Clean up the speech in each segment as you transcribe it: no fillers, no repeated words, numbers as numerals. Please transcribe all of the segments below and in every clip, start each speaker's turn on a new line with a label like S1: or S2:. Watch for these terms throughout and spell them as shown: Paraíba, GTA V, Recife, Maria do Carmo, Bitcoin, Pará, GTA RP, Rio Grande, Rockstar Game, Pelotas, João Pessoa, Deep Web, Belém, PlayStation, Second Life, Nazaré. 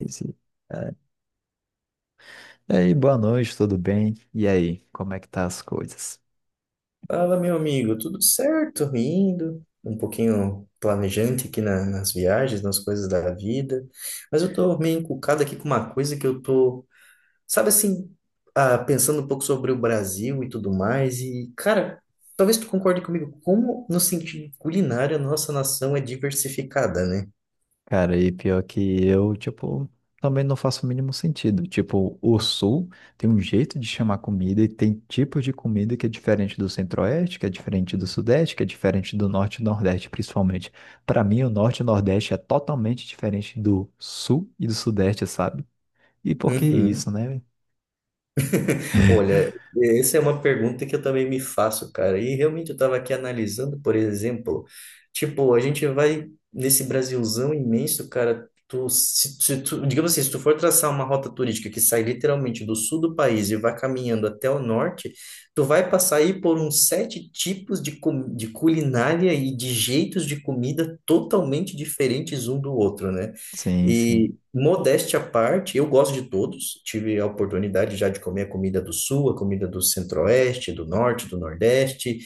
S1: Esse- É. E aí, boa noite, tudo bem? E aí, como é que tá as coisas?
S2: Fala, meu amigo, tudo certo? Indo, um pouquinho planejante aqui nas viagens, nas coisas da vida, mas eu tô meio encucado aqui com uma coisa que eu tô, sabe assim, pensando um pouco sobre o Brasil e tudo mais, e cara, talvez tu concorde comigo, como no sentido culinário a nossa nação é diversificada, né?
S1: Cara, e pior que eu, tipo, também não faço o mínimo sentido. Tipo, o Sul tem um jeito de chamar comida e tem tipos de comida que é diferente do Centro-Oeste, que é diferente do Sudeste, que é diferente do Norte e Nordeste, principalmente. Para mim, o Norte e o Nordeste é totalmente diferente do Sul e do Sudeste, sabe? E por que isso,
S2: Uhum.
S1: né?
S2: Olha, essa é uma pergunta que eu também me faço, cara. E realmente eu estava aqui analisando, por exemplo, tipo, a gente vai nesse Brasilzão imenso, cara. Tu, se tu, digamos assim, se tu for traçar uma rota turística que sai literalmente do sul do país e vai caminhando até o norte, tu vai passar aí por uns sete tipos de, de culinária e de jeitos de comida totalmente diferentes um do outro, né?
S1: Sim,
S2: E
S1: sim.
S2: modéstia à parte, eu gosto de todos. Tive a oportunidade já de comer a comida do Sul, a comida do Centro-Oeste, do Norte, do Nordeste.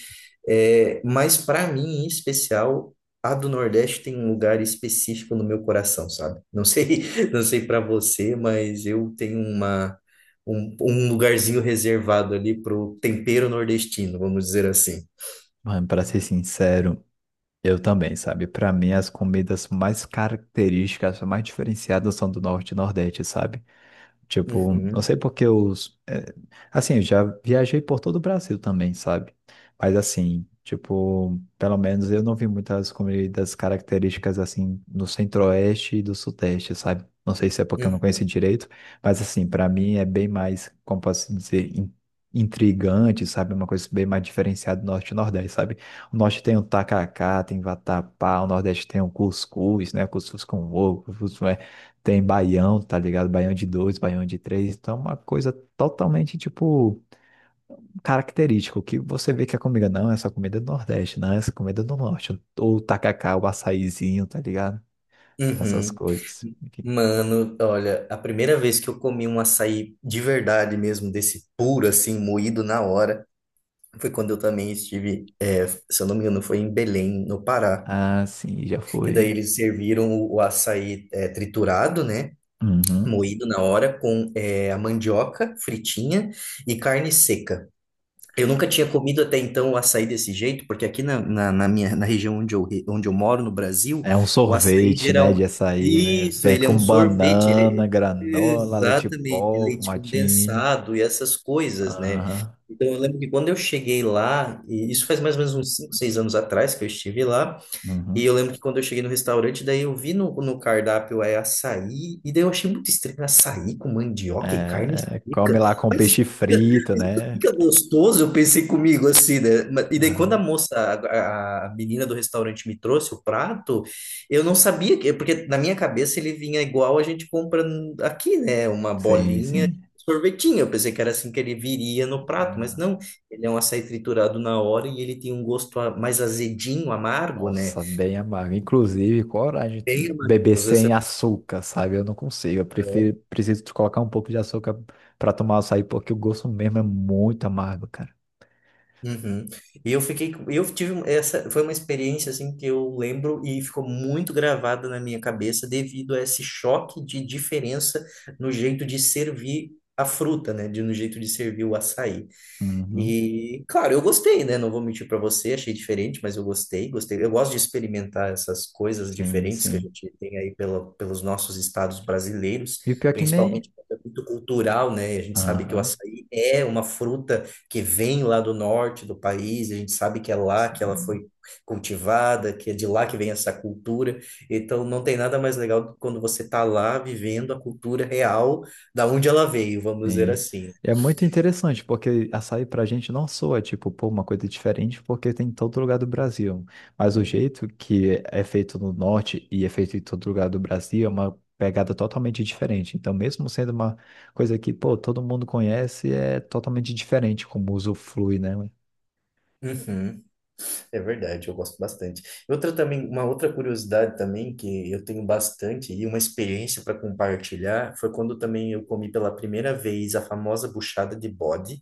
S2: É, mas para mim, em especial, a do Nordeste tem um lugar específico no meu coração, sabe? Não sei, não sei para você, mas eu tenho uma um, um lugarzinho reservado ali pro tempero nordestino, vamos dizer assim.
S1: Mano, pra ser sincero. Eu também, sabe? Para mim, as comidas mais características, mais diferenciadas são do Norte e Nordeste, sabe? Tipo, não
S2: Uhum,
S1: sei porque assim, eu já viajei por todo o Brasil também, sabe? Mas assim, tipo, pelo menos eu não vi muitas comidas características assim no Centro-Oeste e do Sudeste, sabe? Não sei se é porque eu não
S2: uhum.
S1: conheci direito, mas assim, pra mim é bem mais, como posso dizer, intrigante, sabe? Uma coisa bem mais diferenciada do Norte e Nordeste, sabe? O Norte tem o tacacá, tem vatapá, o Nordeste tem o cuscuz, né? Cuscuz com ovo, tem baião, tá ligado? Baião de dois, baião de três. Então, é uma coisa totalmente, tipo, característica. O que você vê que a comida não, essa comida é do Nordeste, não, essa comida é do Norte. Ou o tacacá, o açaizinho, tá ligado? Essas
S2: Uhum.
S1: coisas. Enfim.
S2: Mano, olha, a primeira vez que eu comi um açaí de verdade mesmo, desse puro, assim, moído na hora, foi quando eu também estive, se eu não me engano, foi em Belém, no Pará.
S1: Ah, sim, já
S2: Que
S1: foi,
S2: daí
S1: hein?
S2: eles serviram o açaí, triturado, né?
S1: Uhum.
S2: Moído na hora, com, a mandioca fritinha e carne seca. Eu nunca tinha comido até então o açaí desse jeito, porque aqui na região onde eu, onde eu moro, no Brasil,
S1: É um
S2: o açaí
S1: sorvete, né, de
S2: geral.
S1: açaí, né?
S2: Isso,
S1: Vem
S2: ele é
S1: com
S2: um sorvete.
S1: banana, granola, leite
S2: Exatamente,
S1: pó,
S2: leite
S1: fumatinha.
S2: condensado e essas coisas, né?
S1: Aham.
S2: Então, eu lembro que quando eu cheguei lá, e isso faz mais ou menos uns 5 6 anos atrás que eu estive lá, e
S1: Uhum.
S2: eu lembro que quando eu cheguei no restaurante, daí eu vi no cardápio é açaí, e daí eu achei muito estranho açaí com mandioca e carne
S1: É, come
S2: seca.
S1: lá com
S2: Mas isso
S1: peixe
S2: fica,
S1: frito,
S2: mas isso
S1: né?
S2: fica gostoso, eu pensei comigo assim, né? E daí quando a
S1: Aham.
S2: moça, a, a- menina do restaurante me trouxe o prato, eu não sabia, porque na minha cabeça ele vinha igual a gente compra aqui, né? Uma
S1: Sim,
S2: bolinha,
S1: sim.
S2: sorvetinho. Eu pensei que era assim que ele viria no prato, mas
S1: Não.
S2: não, ele é um açaí triturado na hora e ele tem um gosto mais azedinho, amargo, né?
S1: Nossa, bem amargo. Inclusive, coragem de
S2: Bem
S1: beber
S2: harmonioso, essa é
S1: sem
S2: a
S1: açúcar, sabe? Eu não consigo. Eu
S2: palavra.
S1: prefiro, preciso de colocar um pouco de açúcar para tomar açaí, porque o gosto mesmo é muito amargo, cara.
S2: Uhum. E eu fiquei, eu tive um- essa, foi uma experiência assim que eu lembro e ficou muito gravada na minha cabeça devido a esse choque de diferença no jeito de servir a fruta, né, de no jeito de servir o açaí.
S1: Uhum.
S2: E, claro, eu gostei, né? Não vou mentir para você, achei diferente, mas eu gostei, gostei. Eu gosto de experimentar essas coisas
S1: Sim,
S2: diferentes que a
S1: sim.
S2: gente tem aí pelos nossos estados brasileiros,
S1: E o pior é que nem.
S2: principalmente porque é muito cultural, né? A gente sabe que o
S1: Aham.
S2: açaí é uma fruta que vem lá do norte do país, a gente sabe que é lá que ela foi cultivada, que é de lá que vem essa cultura. Então, não tem nada mais legal do que quando você tá lá vivendo a cultura real da onde ela veio, vamos dizer
S1: Sim.
S2: assim, né?
S1: E é muito interessante, porque açaí pra gente não soa, tipo, pô, uma coisa diferente, porque tem em todo lugar do Brasil. Mas o jeito que é feito no Norte e é feito em todo lugar do Brasil é uma pegada totalmente diferente. Então, mesmo sendo uma coisa que, pô, todo mundo conhece, é totalmente diferente como o uso flui, né?
S2: Uhum. É verdade, eu gosto bastante. Outra também, uma outra curiosidade também que eu tenho bastante e uma experiência para compartilhar foi quando também eu comi pela primeira vez a famosa buchada de bode,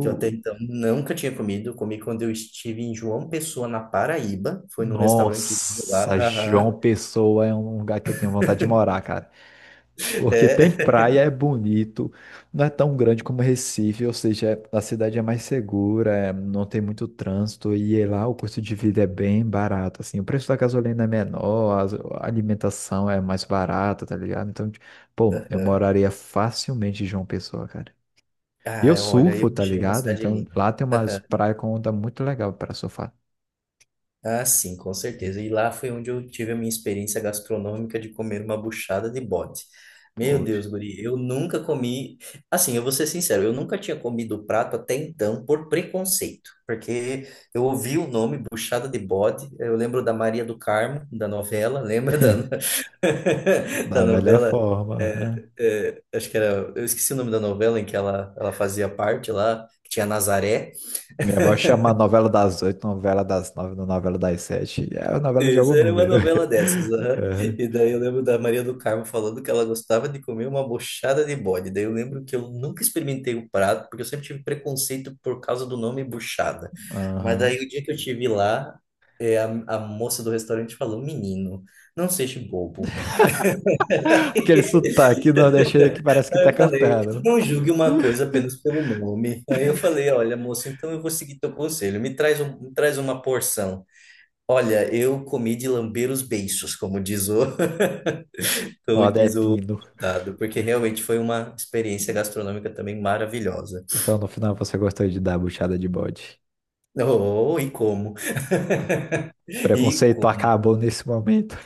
S2: que eu até então nunca tinha comido. Eu comi quando eu estive em João Pessoa, na Paraíba. Foi num restaurantezinho lá.
S1: nossa,
S2: Aham.
S1: João Pessoa é um lugar que eu tenho vontade de morar, cara. Porque tem
S2: É.
S1: praia, é bonito, não é tão grande como Recife, ou seja, a cidade é mais segura, é, não tem muito trânsito e é lá o custo de vida é bem barato, assim, o preço da gasolina é menor, a alimentação é mais barata, tá ligado? Então, pô, eu
S2: Aham.
S1: moraria facilmente em João Pessoa, cara. E eu
S2: Ah, olha, eu
S1: surfo, tá
S2: achei uma
S1: ligado?
S2: cidade
S1: Então
S2: linda.
S1: lá tem umas praias com onda muito legal para surfar.
S2: Ah, sim, com certeza. E lá foi onde eu tive a minha experiência gastronômica de comer uma buchada de bode. Meu
S1: Poxa,
S2: Deus, guri, eu nunca comi. Assim, eu vou ser sincero, eu nunca tinha comido o prato até então por preconceito, porque eu ouvi o nome buchada de bode. Eu lembro da Maria do Carmo, da novela, da
S1: da melhor
S2: novela? É,
S1: forma.
S2: é, acho que era. Eu esqueci o nome da novela em que ela fazia parte lá, que tinha Nazaré.
S1: Minha avó chama a novela das oito, novela das nove, novela das sete. É a novela de
S2: Isso,
S1: algum
S2: era uma
S1: número.
S2: novela dessas, aham. E daí eu lembro da Maria do Carmo falando que ela gostava de comer uma bochada de bode. Daí eu lembro que eu nunca experimentei o prato, porque eu sempre tive preconceito por causa do nome buchada.
S1: É,
S2: Mas
S1: aham.
S2: daí o dia que eu estive lá, é, a, a moça do restaurante falou, menino, não seja bobo.
S1: Aquele sotaque nordestino que parece que
S2: Aí
S1: tá
S2: eu falei,
S1: cantando.
S2: não julgue uma coisa apenas pelo nome. Aí eu falei, olha, moça, então eu vou seguir teu conselho. Me traz uma porção. Olha, eu comi de lamber os beiços,
S1: Os
S2: como diz o
S1: Nordestino.
S2: dado, porque realmente foi uma experiência gastronômica também maravilhosa.
S1: Então, no final, você gostou de dar a buchada de bode.
S2: Oh, e como, e
S1: Preconceito
S2: como,
S1: acabou nesse momento.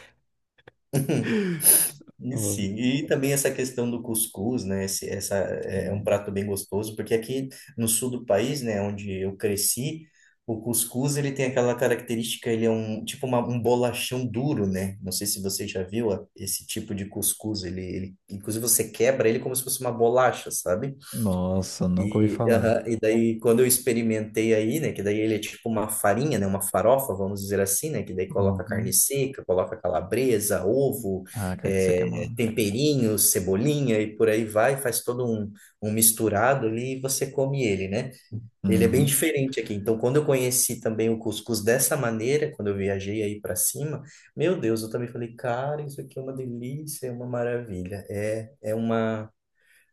S2: e
S1: Oh,
S2: sim. E também essa questão do cuscuz, né? Essa é um
S1: sim.
S2: prato bem gostoso, porque aqui no sul do país, né, onde eu cresci, o cuscuz ele tem aquela característica, ele é um bolachão duro, né? Não sei se você já viu esse tipo de cuscuz, ele inclusive você quebra ele como se fosse uma bolacha, sabe?
S1: Nossa, nunca ouvi
S2: E,
S1: falar.
S2: aham, e daí, quando eu experimentei aí, né, que daí ele é tipo uma farinha, né, uma farofa, vamos dizer assim, né, que daí coloca carne
S1: Uhum.
S2: seca, coloca calabresa, ovo,
S1: Ah, cara, isso aqui é uma...
S2: temperinhos, cebolinha e por aí vai, faz todo um, um misturado ali e você come ele, né? Ele é bem
S1: Uhum.
S2: diferente aqui. Então, quando eu conheci também o cuscuz dessa maneira, quando eu viajei aí para cima, meu Deus, eu também falei, cara, isso aqui é uma delícia, é uma maravilha. É, é uma.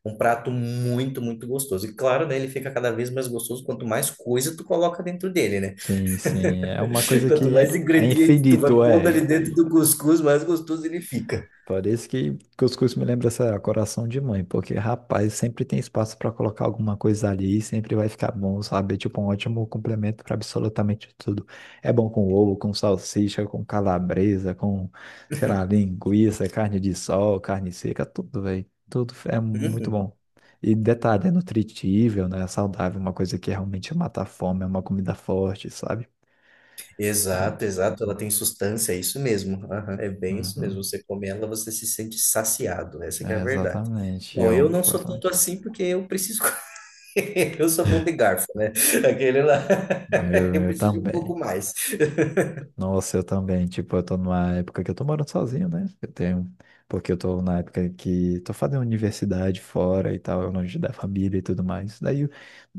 S2: Um prato muito, muito gostoso. E claro, né, ele fica cada vez mais gostoso quanto mais coisa tu coloca dentro dele, né?
S1: Sim, sim. É uma coisa
S2: Quanto
S1: que
S2: mais
S1: é, é
S2: ingrediente tu
S1: infinito,
S2: vai pondo ali
S1: é.
S2: dentro do cuscuz, mais gostoso ele fica.
S1: Parece que cuscuz me lembra essa coração de mãe, porque rapaz, sempre tem espaço para colocar alguma coisa ali, e sempre vai ficar bom, sabe? É tipo um ótimo complemento para absolutamente tudo. É bom com ovo, com salsicha, com calabresa, com, sei lá, linguiça, carne de sol, carne seca, tudo, velho. Tudo é muito
S2: Uhum.
S1: bom. E detalhe, é nutritível, né? É saudável, uma coisa que realmente mata a fome, é uma comida forte, sabe? É... um,
S2: Exato, exato. Ela
S1: Uhum.
S2: tem sustância, é isso mesmo. Aham, é bem isso
S1: Uhum.
S2: mesmo. Você come ela, você se sente saciado. Essa que é a
S1: É,
S2: verdade.
S1: exatamente,
S2: Bom, eu
S1: eu
S2: não sou
S1: gosto muito.
S2: tanto assim porque eu preciso comer. Eu sou bom de garfo, né? Aquele lá,
S1: Ah, Eu,
S2: eu
S1: eu
S2: preciso de um pouco
S1: também.
S2: mais.
S1: Nossa, eu também. Tipo, eu tô numa época que eu tô morando sozinho, né? Eu tenho. Porque eu tô na época que tô fazendo universidade fora e tal, longe da família e tudo mais. Daí eu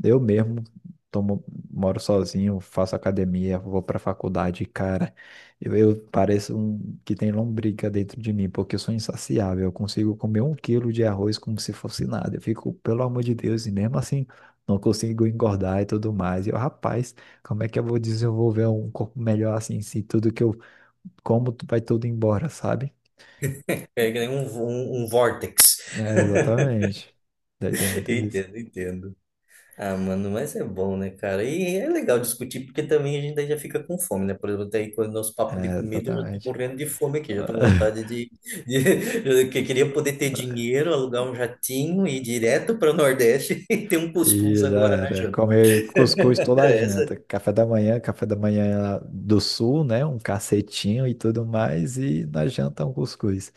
S1: eu mesmo tomo, moro sozinho, faço academia, vou pra faculdade, e, cara. Eu pareço um que tem lombriga dentro de mim, porque eu sou insaciável. Eu consigo comer um quilo de arroz como se fosse nada. Eu fico, pelo amor de Deus, e mesmo assim não consigo engordar e tudo mais. E eu, rapaz. Como é que eu vou desenvolver um corpo melhor assim, se tudo que eu como vai tudo embora, sabe?
S2: É que nem um vórtex.
S1: É, exatamente. Daí tem muito disso.
S2: Entendo, entendo. Ah, mano, mas é bom, né, cara? E é legal discutir, porque também a gente daí já fica com fome, né? Por exemplo, até aí quando nosso papo de
S1: É,
S2: comida, eu já tô
S1: exatamente.
S2: morrendo de fome aqui, já tô com vontade de... que eu queria poder ter dinheiro, alugar um jatinho e ir direto para o Nordeste e ter um cuscuz
S1: E já
S2: agora na
S1: era.
S2: janta.
S1: Comer cuscuz toda a
S2: Essa...
S1: janta. Café da manhã do sul, né? Um cacetinho e tudo mais. E na janta um cuscuz.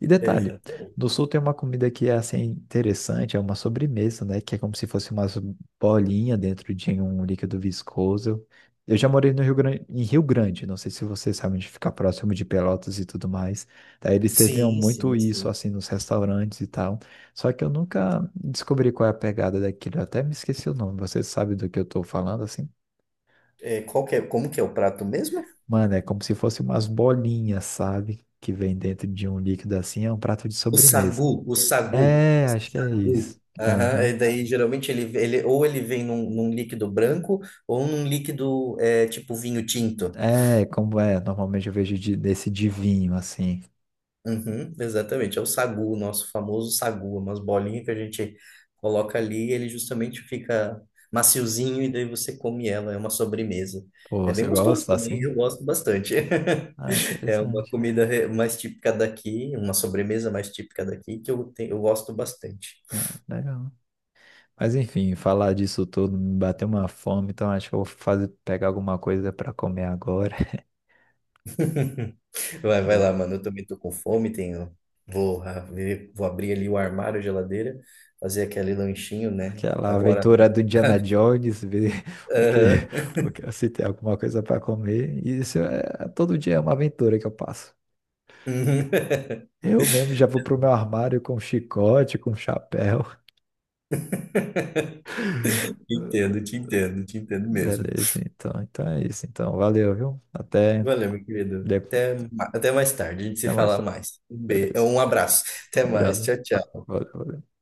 S1: E detalhe,
S2: Exatamente.
S1: no sul tem uma comida que é assim interessante, é uma sobremesa, né? Que é como se fosse umas bolinhas dentro de um líquido viscoso. Eu já morei no Rio Grande, em Rio Grande, não sei se vocês sabem onde fica próximo de Pelotas e tudo mais. Daí eles serviam
S2: Sim,
S1: muito
S2: sim,
S1: isso
S2: sim.
S1: assim nos restaurantes e tal. Só que eu nunca descobri qual é a pegada daquilo. Eu até me esqueci o nome. Você sabe do que eu tô falando, assim?
S2: É, qual que é... Como que é o prato mesmo?
S1: Mano, é como se fosse umas bolinhas, sabe? Que vem dentro de um líquido assim. É um prato de sobremesa.
S2: O sagu,
S1: É, acho que é
S2: sagu.
S1: isso.
S2: Aham, e
S1: Aham.
S2: daí geralmente ele vem num líquido branco ou num líquido tipo vinho tinto.
S1: É, como é. Normalmente eu vejo desse de vinho, assim.
S2: Uhum, exatamente, é o sagu, o nosso famoso sagu, umas bolinhas que a gente coloca ali e ele justamente fica maciozinho e daí você come ela, é uma sobremesa.
S1: Pô,
S2: É
S1: você
S2: bem gostoso
S1: gosta
S2: também, eu
S1: assim?
S2: gosto bastante.
S1: Ah,
S2: É uma
S1: interessante.
S2: comida mais típica daqui, uma sobremesa mais típica daqui que eu gosto bastante.
S1: Ah, legal. Mas enfim, falar disso tudo me bateu uma fome, então acho que eu vou fazer, pegar alguma coisa para comer agora.
S2: Vai, vai lá,
S1: Beleza?
S2: mano. Eu também tô com fome, tenho. Vou abrir ali o armário, a geladeira, fazer aquele lanchinho, né?
S1: Aquela
S2: Agora.
S1: aventura do Indiana Jones, ver o que,
S2: Aham.
S1: o que se tem alguma coisa para comer. E isso é todo dia é uma aventura que eu passo. Eu mesmo já vou pro meu armário com chicote, com chapéu.
S2: Entendo, te entendo, te entendo mesmo.
S1: Beleza, então, então é isso. Então, valeu, viu? Até,
S2: Valeu, meu querido.
S1: de-
S2: Até, até mais tarde, a gente se
S1: até mais
S2: fala
S1: tarde.
S2: mais. Um beijo,
S1: Beleza.
S2: um abraço.
S1: Um
S2: Até mais.
S1: abraço.
S2: Tchau, tchau.
S1: Valeu, valeu.